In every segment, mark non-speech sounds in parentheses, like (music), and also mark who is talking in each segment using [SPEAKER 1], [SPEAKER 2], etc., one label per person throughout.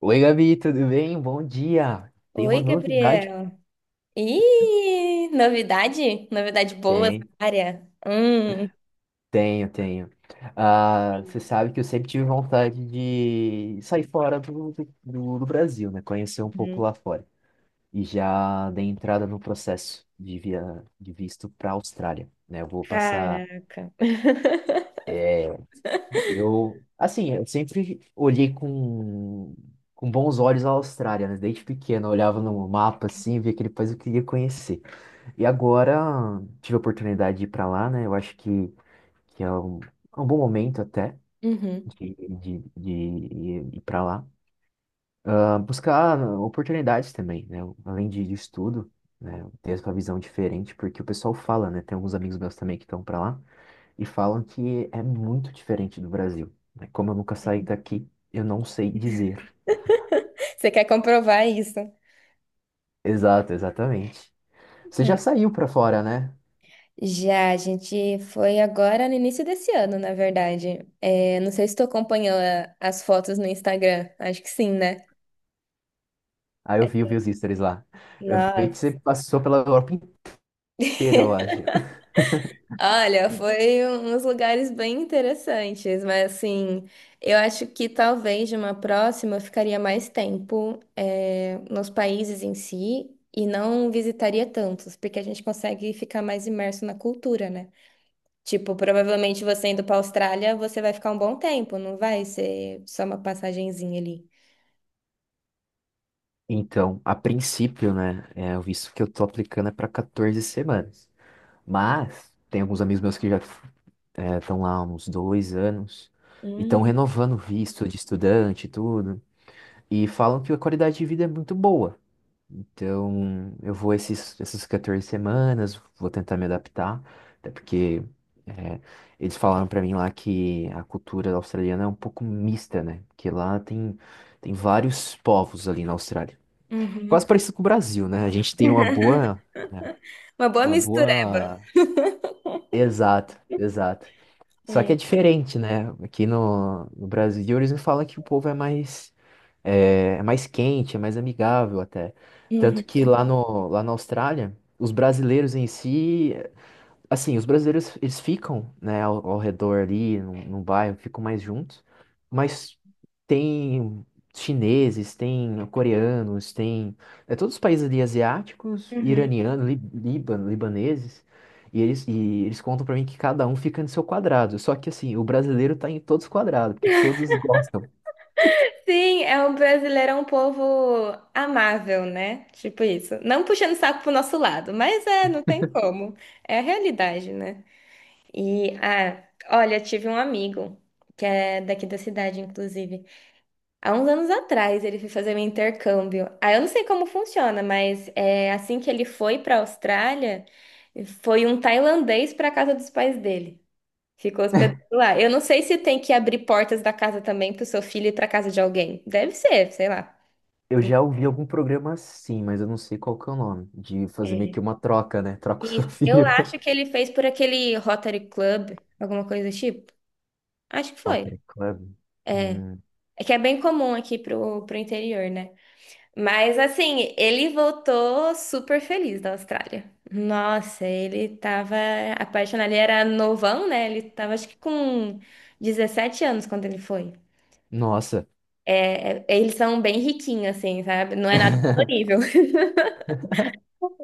[SPEAKER 1] Oi, Gabi, tudo bem? Bom dia. Tem uma
[SPEAKER 2] Oi,
[SPEAKER 1] novidade?
[SPEAKER 2] Gabriel. Ih, novidade? Novidade boa
[SPEAKER 1] Tem,
[SPEAKER 2] na área. Hum.
[SPEAKER 1] tenho, tenho. Ah, você sabe que eu sempre tive vontade de sair fora do Brasil, né? Conhecer um pouco lá
[SPEAKER 2] Uhum.
[SPEAKER 1] fora. E já dei entrada no processo de visto para a Austrália, né? Eu vou passar.
[SPEAKER 2] Caraca. (laughs)
[SPEAKER 1] Eu, assim, eu sempre olhei com bons olhos a Austrália, né? Desde pequeno, eu olhava no mapa assim, via aquele país que eu queria conhecer. E agora tive a oportunidade de ir para lá, né? Eu acho que é um bom momento até
[SPEAKER 2] Uhum.
[SPEAKER 1] de ir para lá. Ah, buscar oportunidades também, né? Além de estudo, né? Ter essa visão diferente, porque o pessoal fala, né? Tem alguns amigos meus também que estão para lá e falam que é muito diferente do Brasil, né? Como eu nunca saí daqui, eu não sei dizer.
[SPEAKER 2] Você quer comprovar isso?
[SPEAKER 1] Exato, exatamente. Você já
[SPEAKER 2] É.
[SPEAKER 1] saiu para fora, né?
[SPEAKER 2] Já, a gente foi agora no início desse ano, na verdade. É, não sei se tu acompanhou as fotos no Instagram. Acho que sim, né?
[SPEAKER 1] Aí eu vi, os stories lá. Eu vi que você
[SPEAKER 2] Nossa.
[SPEAKER 1] passou pela Europa inteira, eu acho.
[SPEAKER 2] Olha, foi uns lugares bem interessantes, mas assim, eu acho que talvez de uma próxima eu ficaria mais tempo nos países em si e não visitaria tantos, porque a gente consegue ficar mais imerso na cultura, né? Tipo, provavelmente você indo para Austrália, você vai ficar um bom tempo, não vai ser só uma passagenzinha ali.
[SPEAKER 1] Então, a princípio, né, é, o visto que eu tô aplicando é para 14 semanas. Mas tem alguns amigos meus que já estão lá há uns dois anos e estão
[SPEAKER 2] Hum.
[SPEAKER 1] renovando o visto de estudante e tudo. E falam que a qualidade de vida é muito boa. Então, eu vou essas 14 semanas, vou tentar me adaptar, até porque é, eles falaram para mim lá que a cultura australiana é um pouco mista, né? Porque tem vários povos ali na Austrália.
[SPEAKER 2] Uhum.
[SPEAKER 1] Quase parecido com o Brasil, né? A gente tem uma boa, né,
[SPEAKER 2] Uma boa
[SPEAKER 1] uma
[SPEAKER 2] mistureba.
[SPEAKER 1] boa, exato, exato. Só que
[SPEAKER 2] Hum.
[SPEAKER 1] é diferente, né? Aqui no Brasil eles me falam que o povo é mais, é mais quente, é mais amigável até.
[SPEAKER 2] Uhum.
[SPEAKER 1] Tanto que lá no, lá na Austrália, os brasileiros em si, assim, os brasileiros, eles ficam, né, ao redor ali, no bairro, ficam mais juntos, mas tem chineses, tem coreanos, tem, é, todos os países ali asiáticos,
[SPEAKER 2] Uhum.
[SPEAKER 1] iranianos, Líbano, libaneses, e eles contam pra mim que cada um fica no seu quadrado, só que assim, o brasileiro tá em todos os quadrados, porque todos gostam.
[SPEAKER 2] Sim, é um brasileiro, é um povo amável, né? Tipo isso. Não puxando saco pro nosso lado, mas é, não tem como. É a realidade, né? E, ah, olha, tive um amigo, que é daqui da cidade, inclusive. Há uns anos atrás, ele foi fazer um intercâmbio. Ah, eu não sei como funciona, mas é, assim que ele foi pra Austrália, foi um tailandês pra casa dos pais dele. Ficou hospedado lá. Eu não sei se tem que abrir portas da casa também para o seu filho ir para casa de alguém. Deve ser, sei lá.
[SPEAKER 1] Eu já ouvi algum programa assim, mas eu não sei qual que é o nome, de fazer meio
[SPEAKER 2] É.
[SPEAKER 1] que uma troca, né, troca o seu
[SPEAKER 2] Isso. Eu
[SPEAKER 1] filho.
[SPEAKER 2] acho
[SPEAKER 1] (laughs)
[SPEAKER 2] que ele fez por aquele Rotary Club, alguma coisa do tipo. Acho que foi.
[SPEAKER 1] Potter Club. Hum,
[SPEAKER 2] É que é bem comum aqui pro interior, né? Mas assim, ele voltou super feliz da Austrália. Nossa, ele tava apaixonado. Ele era novão, né? Ele tava acho que com 17 anos quando ele foi.
[SPEAKER 1] nossa.
[SPEAKER 2] Eles são bem riquinhos, assim, sabe? Não é nada.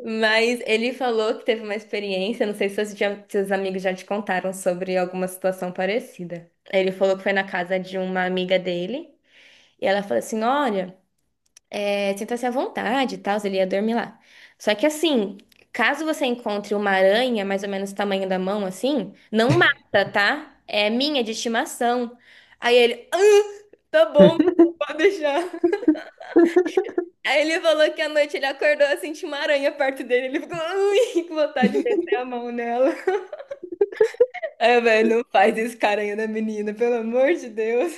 [SPEAKER 2] Mas ele falou que teve uma experiência, não sei se seus amigos já te contaram sobre alguma situação parecida. Ele falou que foi na casa de uma amiga dele, e ela falou assim: Olha, sinta-se à vontade e tal, ele ia dormir lá. Só que assim, caso você encontre uma aranha, mais ou menos do tamanho da mão, assim, não mata, tá? É minha de estimação. Aí ele, ah, tá bom,
[SPEAKER 1] (laughs)
[SPEAKER 2] pode deixar. Aí ele falou que à noite ele acordou assim, tinha uma aranha perto dele. Ele ficou, ui, (laughs) com vontade de meter a mão nela. Aí eu, velho, não faz isso com a aranha da menina, pelo amor de Deus.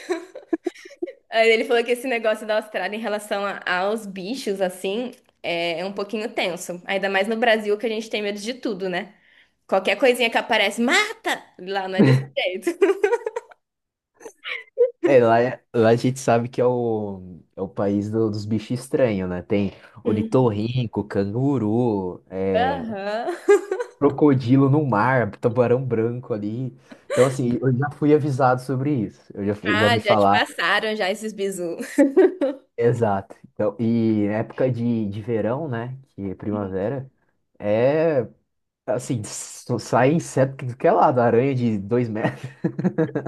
[SPEAKER 2] Aí ele falou que esse negócio da Austrália em relação aos bichos, assim, é um pouquinho tenso. Ainda mais no Brasil, que a gente tem medo de tudo, né? Qualquer coisinha que aparece, mata! Lá não é desse jeito. (laughs)
[SPEAKER 1] É, lá a gente sabe que é é o país do- dos bichos estranhos, né? Tem
[SPEAKER 2] Uhum.
[SPEAKER 1] ornitorrinco, canguru, é,
[SPEAKER 2] Aham.
[SPEAKER 1] crocodilo no mar, tubarão branco ali. Então, assim, eu já fui avisado sobre isso. Eu já, fui- já
[SPEAKER 2] Ah,
[SPEAKER 1] me
[SPEAKER 2] já te
[SPEAKER 1] falaram.
[SPEAKER 2] passaram já esses bizu.
[SPEAKER 1] Exato. Então, e época de verão, né? Que é primavera, é, assim, só sai inseto que é lá, da aranha de dois metros.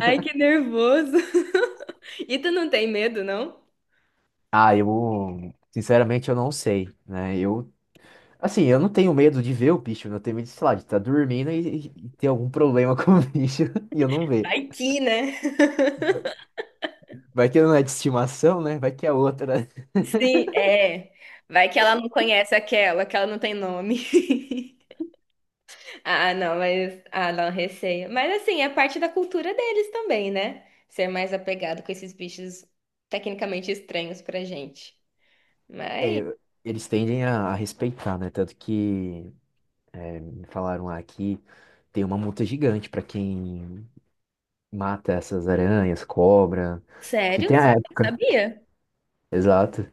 [SPEAKER 2] Ai, que nervoso. (laughs) E tu não tem medo, não?
[SPEAKER 1] Ah, eu sinceramente eu não sei, né? Eu, assim, eu não tenho medo de ver o bicho, eu tenho medo, de, sei lá, de estar dormindo e ter algum problema (laughs) com o bicho (laughs) e eu não ver.
[SPEAKER 2] Vai que, né? (laughs)
[SPEAKER 1] Vai que não é de estimação, né? Vai que é outra. (laughs)
[SPEAKER 2] Sim, é. Vai que ela não conhece aquela, que ela não tem nome. (laughs) Ah, não, mas. Ah, não, receio. Mas assim, é parte da cultura deles também, né? Ser mais apegado com esses bichos tecnicamente estranhos pra gente.
[SPEAKER 1] É,
[SPEAKER 2] Mas.
[SPEAKER 1] eu- eles tendem a respeitar, né? Tanto que me falaram "Ah, aqui tem uma multa gigante pra quem mata essas aranhas, cobra, porque
[SPEAKER 2] Sério?
[SPEAKER 1] tem
[SPEAKER 2] Você
[SPEAKER 1] a
[SPEAKER 2] não
[SPEAKER 1] época,
[SPEAKER 2] sabia?
[SPEAKER 1] exato.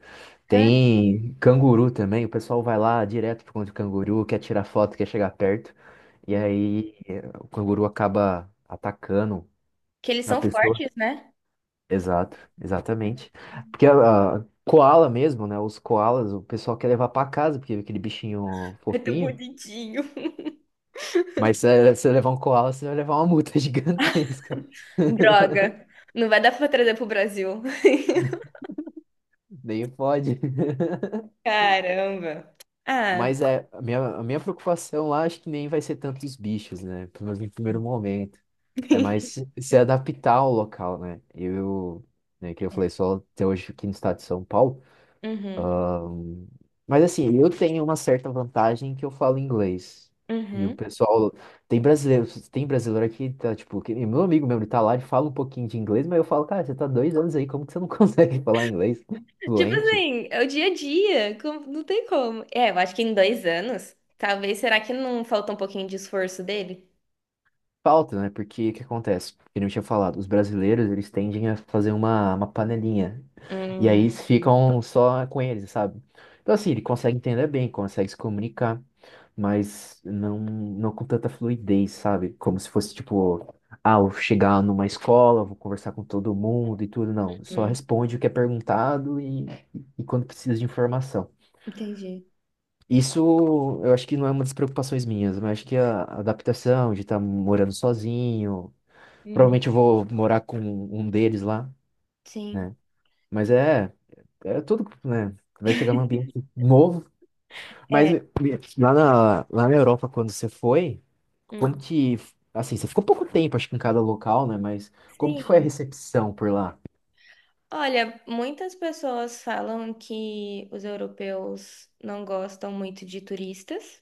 [SPEAKER 2] Cara.
[SPEAKER 1] Tem canguru também, o pessoal vai lá direto pro contra o canguru, quer tirar foto, quer chegar perto. E aí eh, o canguru acaba atacando
[SPEAKER 2] Que eles
[SPEAKER 1] a
[SPEAKER 2] são
[SPEAKER 1] pessoa.
[SPEAKER 2] fortes, né?
[SPEAKER 1] Exato, exatamente. Porque a koala mesmo, né? Os koalas, o pessoal quer levar pra casa, porque é aquele bichinho
[SPEAKER 2] (laughs) É tão
[SPEAKER 1] fofinho.
[SPEAKER 2] bonitinho.
[SPEAKER 1] Mas se você levar um koala, você vai levar uma multa (laughs) gigantesca.
[SPEAKER 2] Droga. Não vai dar pra trazer pro Brasil. (laughs)
[SPEAKER 1] Nem pode.
[SPEAKER 2] Caramba. Ah.
[SPEAKER 1] Mas é, a minha preocupação lá, acho que nem vai ser tanto os bichos, né? Pelo menos no primeiro momento. É mais se se adaptar ao local, né? Eu, né, que eu falei, só até hoje aqui no estado de São Paulo.
[SPEAKER 2] Uhum.
[SPEAKER 1] Mas assim, eu tenho uma certa vantagem que eu falo inglês. E o
[SPEAKER 2] Uhum.
[SPEAKER 1] pessoal. Tem brasileiro aqui, tá, tipo, que, nem meu amigo mesmo, ele tá lá, ele fala um pouquinho de inglês, mas eu falo, cara, você tá dois anos aí, como que você não (laughs) consegue falar inglês
[SPEAKER 2] Tipo
[SPEAKER 1] fluente?
[SPEAKER 2] assim, é o dia a dia, não tem como. É, eu acho que em dois anos, talvez, será que não falta um pouquinho de esforço dele?
[SPEAKER 1] Falta, né? Porque o que acontece? Eu não tinha falado, os brasileiros, eles tendem a fazer uma panelinha. E aí
[SPEAKER 2] Hum,
[SPEAKER 1] eles ficam só com eles, sabe? Então, assim, ele consegue entender bem, consegue se comunicar, mas não com tanta fluidez, sabe? Como se fosse, tipo, ah, eu chegar numa escola, vou conversar com todo mundo e tudo. Não, só
[SPEAKER 2] hum,
[SPEAKER 1] responde o que é perguntado e quando precisa de informação.
[SPEAKER 2] entendi.
[SPEAKER 1] Isso eu acho que não é uma das preocupações minhas, mas acho que a adaptação de estar morando sozinho,
[SPEAKER 2] Uhum.
[SPEAKER 1] provavelmente eu vou morar com um deles lá,
[SPEAKER 2] Sim.
[SPEAKER 1] né? Mas é, é tudo, né? Vai chegar num
[SPEAKER 2] (laughs)
[SPEAKER 1] ambiente novo. Mas
[SPEAKER 2] É.
[SPEAKER 1] eh, lá na Europa, quando você foi, como
[SPEAKER 2] Hum.
[SPEAKER 1] que, assim, você ficou pouco tempo, acho que em cada local, né? Mas como que foi a
[SPEAKER 2] Sim.
[SPEAKER 1] recepção por lá?
[SPEAKER 2] Olha, muitas pessoas falam que os europeus não gostam muito de turistas.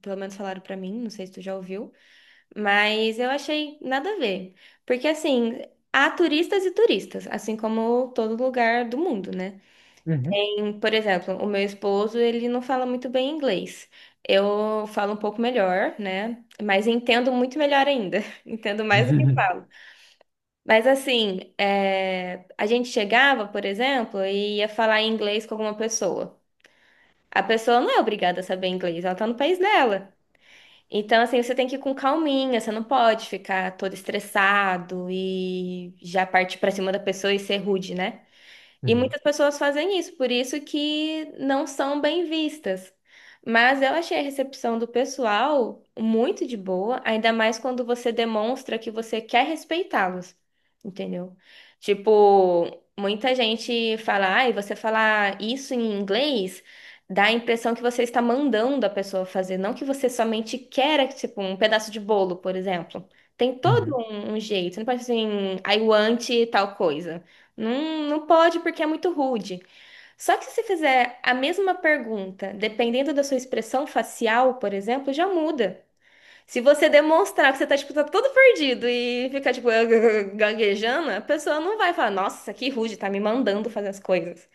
[SPEAKER 2] Pelo menos falaram pra mim, não sei se tu já ouviu. Mas eu achei nada a ver. Porque, assim, há turistas e turistas, assim como todo lugar do mundo, né?
[SPEAKER 1] Uhum.
[SPEAKER 2] Tem, por exemplo, o meu esposo, ele não fala muito bem inglês. Eu falo um pouco melhor, né? Mas entendo muito melhor ainda. (laughs) Entendo mais do que
[SPEAKER 1] (laughs)
[SPEAKER 2] falo. Mas, assim, a gente chegava, por exemplo, e ia falar em inglês com alguma pessoa. A pessoa não é obrigada a saber inglês, ela tá no país dela. Então, assim, você tem que ir com calminha, você não pode ficar todo estressado e já partir pra cima da pessoa e ser rude, né? E
[SPEAKER 1] Uhum.
[SPEAKER 2] muitas pessoas fazem isso, por isso que não são bem vistas. Mas eu achei a recepção do pessoal muito de boa, ainda mais quando você demonstra que você quer respeitá-los, entendeu? Tipo, muita gente fala, ai, você falar isso em inglês dá a impressão que você está mandando a pessoa fazer, não que você somente quer, tipo, um pedaço de bolo, por exemplo. Tem todo
[SPEAKER 1] Uhum.
[SPEAKER 2] um jeito, você não pode ser assim, I want tal coisa. Não, não pode porque é muito rude. Só que se você fizer a mesma pergunta, dependendo da sua expressão facial, por exemplo, já muda. Se você demonstrar que você tá, tipo, tá todo perdido e ficar, tipo, (laughs) gaguejando, a pessoa não vai falar, nossa, que rude, tá me mandando fazer as coisas.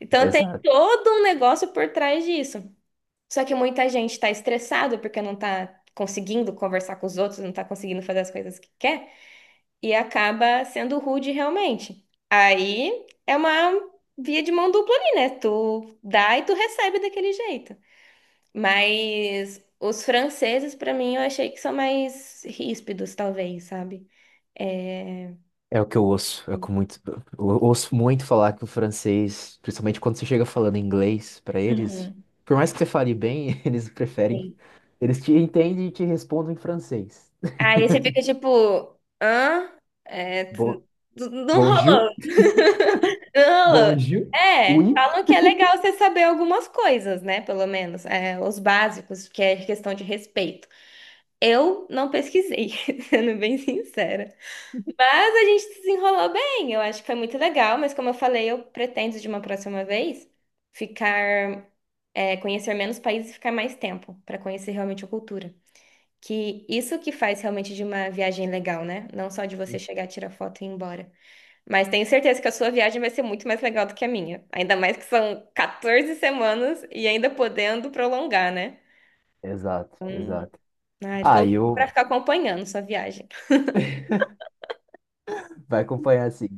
[SPEAKER 2] Então tem
[SPEAKER 1] Exato.
[SPEAKER 2] todo um negócio por trás disso. Só que muita gente tá estressado porque não tá conseguindo conversar com os outros, não tá conseguindo fazer as coisas que quer e acaba sendo rude realmente. Aí é uma via de mão dupla ali, né? Tu dá e tu recebe daquele jeito. Mas os franceses, pra mim, eu achei que são mais ríspidos, talvez, sabe? É...
[SPEAKER 1] É o que eu ouço, é o que muito, eu ouço muito falar que o francês, principalmente quando você chega falando inglês pra eles,
[SPEAKER 2] Uhum.
[SPEAKER 1] por mais que você fale bem, (laughs) eles preferem,
[SPEAKER 2] Sim.
[SPEAKER 1] eles te entendem e te respondem em francês.
[SPEAKER 2] Aí você fica tipo, hã? É,
[SPEAKER 1] Bo-
[SPEAKER 2] não rolou.
[SPEAKER 1] Bonjour,
[SPEAKER 2] (laughs) Não rolou.
[SPEAKER 1] Bonjour.
[SPEAKER 2] É,
[SPEAKER 1] Oui.
[SPEAKER 2] falam que é legal você saber algumas coisas, né? Pelo menos, os básicos, que é questão de respeito. Eu não pesquisei, (laughs) sendo bem sincera. Mas a gente desenrolou bem. Eu acho que foi muito legal, mas como eu falei, eu pretendo de uma próxima vez ficar, conhecer menos países e ficar mais tempo para conhecer realmente a cultura. Que isso que faz realmente de uma viagem legal, né? Não só de você chegar, tirar foto e ir embora. Mas tenho certeza que a sua viagem vai ser muito mais legal do que a minha. Ainda mais que são 14 semanas e ainda podendo prolongar, né?
[SPEAKER 1] Exato, exato.
[SPEAKER 2] Ai,
[SPEAKER 1] Ah,
[SPEAKER 2] tô
[SPEAKER 1] e eu
[SPEAKER 2] para ficar acompanhando sua viagem.
[SPEAKER 1] vai acompanhar assim,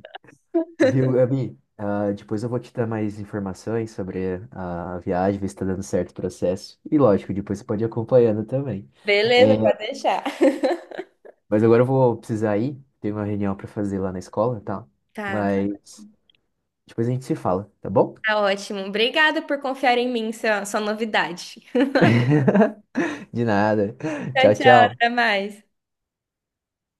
[SPEAKER 1] viu, Gabi? Ah, depois eu vou te dar mais informações sobre a viagem, ver se tá dando certo o processo. E lógico, depois você pode ir acompanhando também. É,
[SPEAKER 2] Beleza, pode deixar. (laughs)
[SPEAKER 1] mas agora eu vou precisar ir. Tem uma reunião pra fazer lá na escola, tá?
[SPEAKER 2] Tá, tá,
[SPEAKER 1] Mas depois a gente se fala, tá bom?
[SPEAKER 2] tá ótimo. Obrigada por confiar em mim, sua novidade.
[SPEAKER 1] (laughs) De nada.
[SPEAKER 2] Tchau,
[SPEAKER 1] Tchau,
[SPEAKER 2] tchau,
[SPEAKER 1] tchau.
[SPEAKER 2] até mais.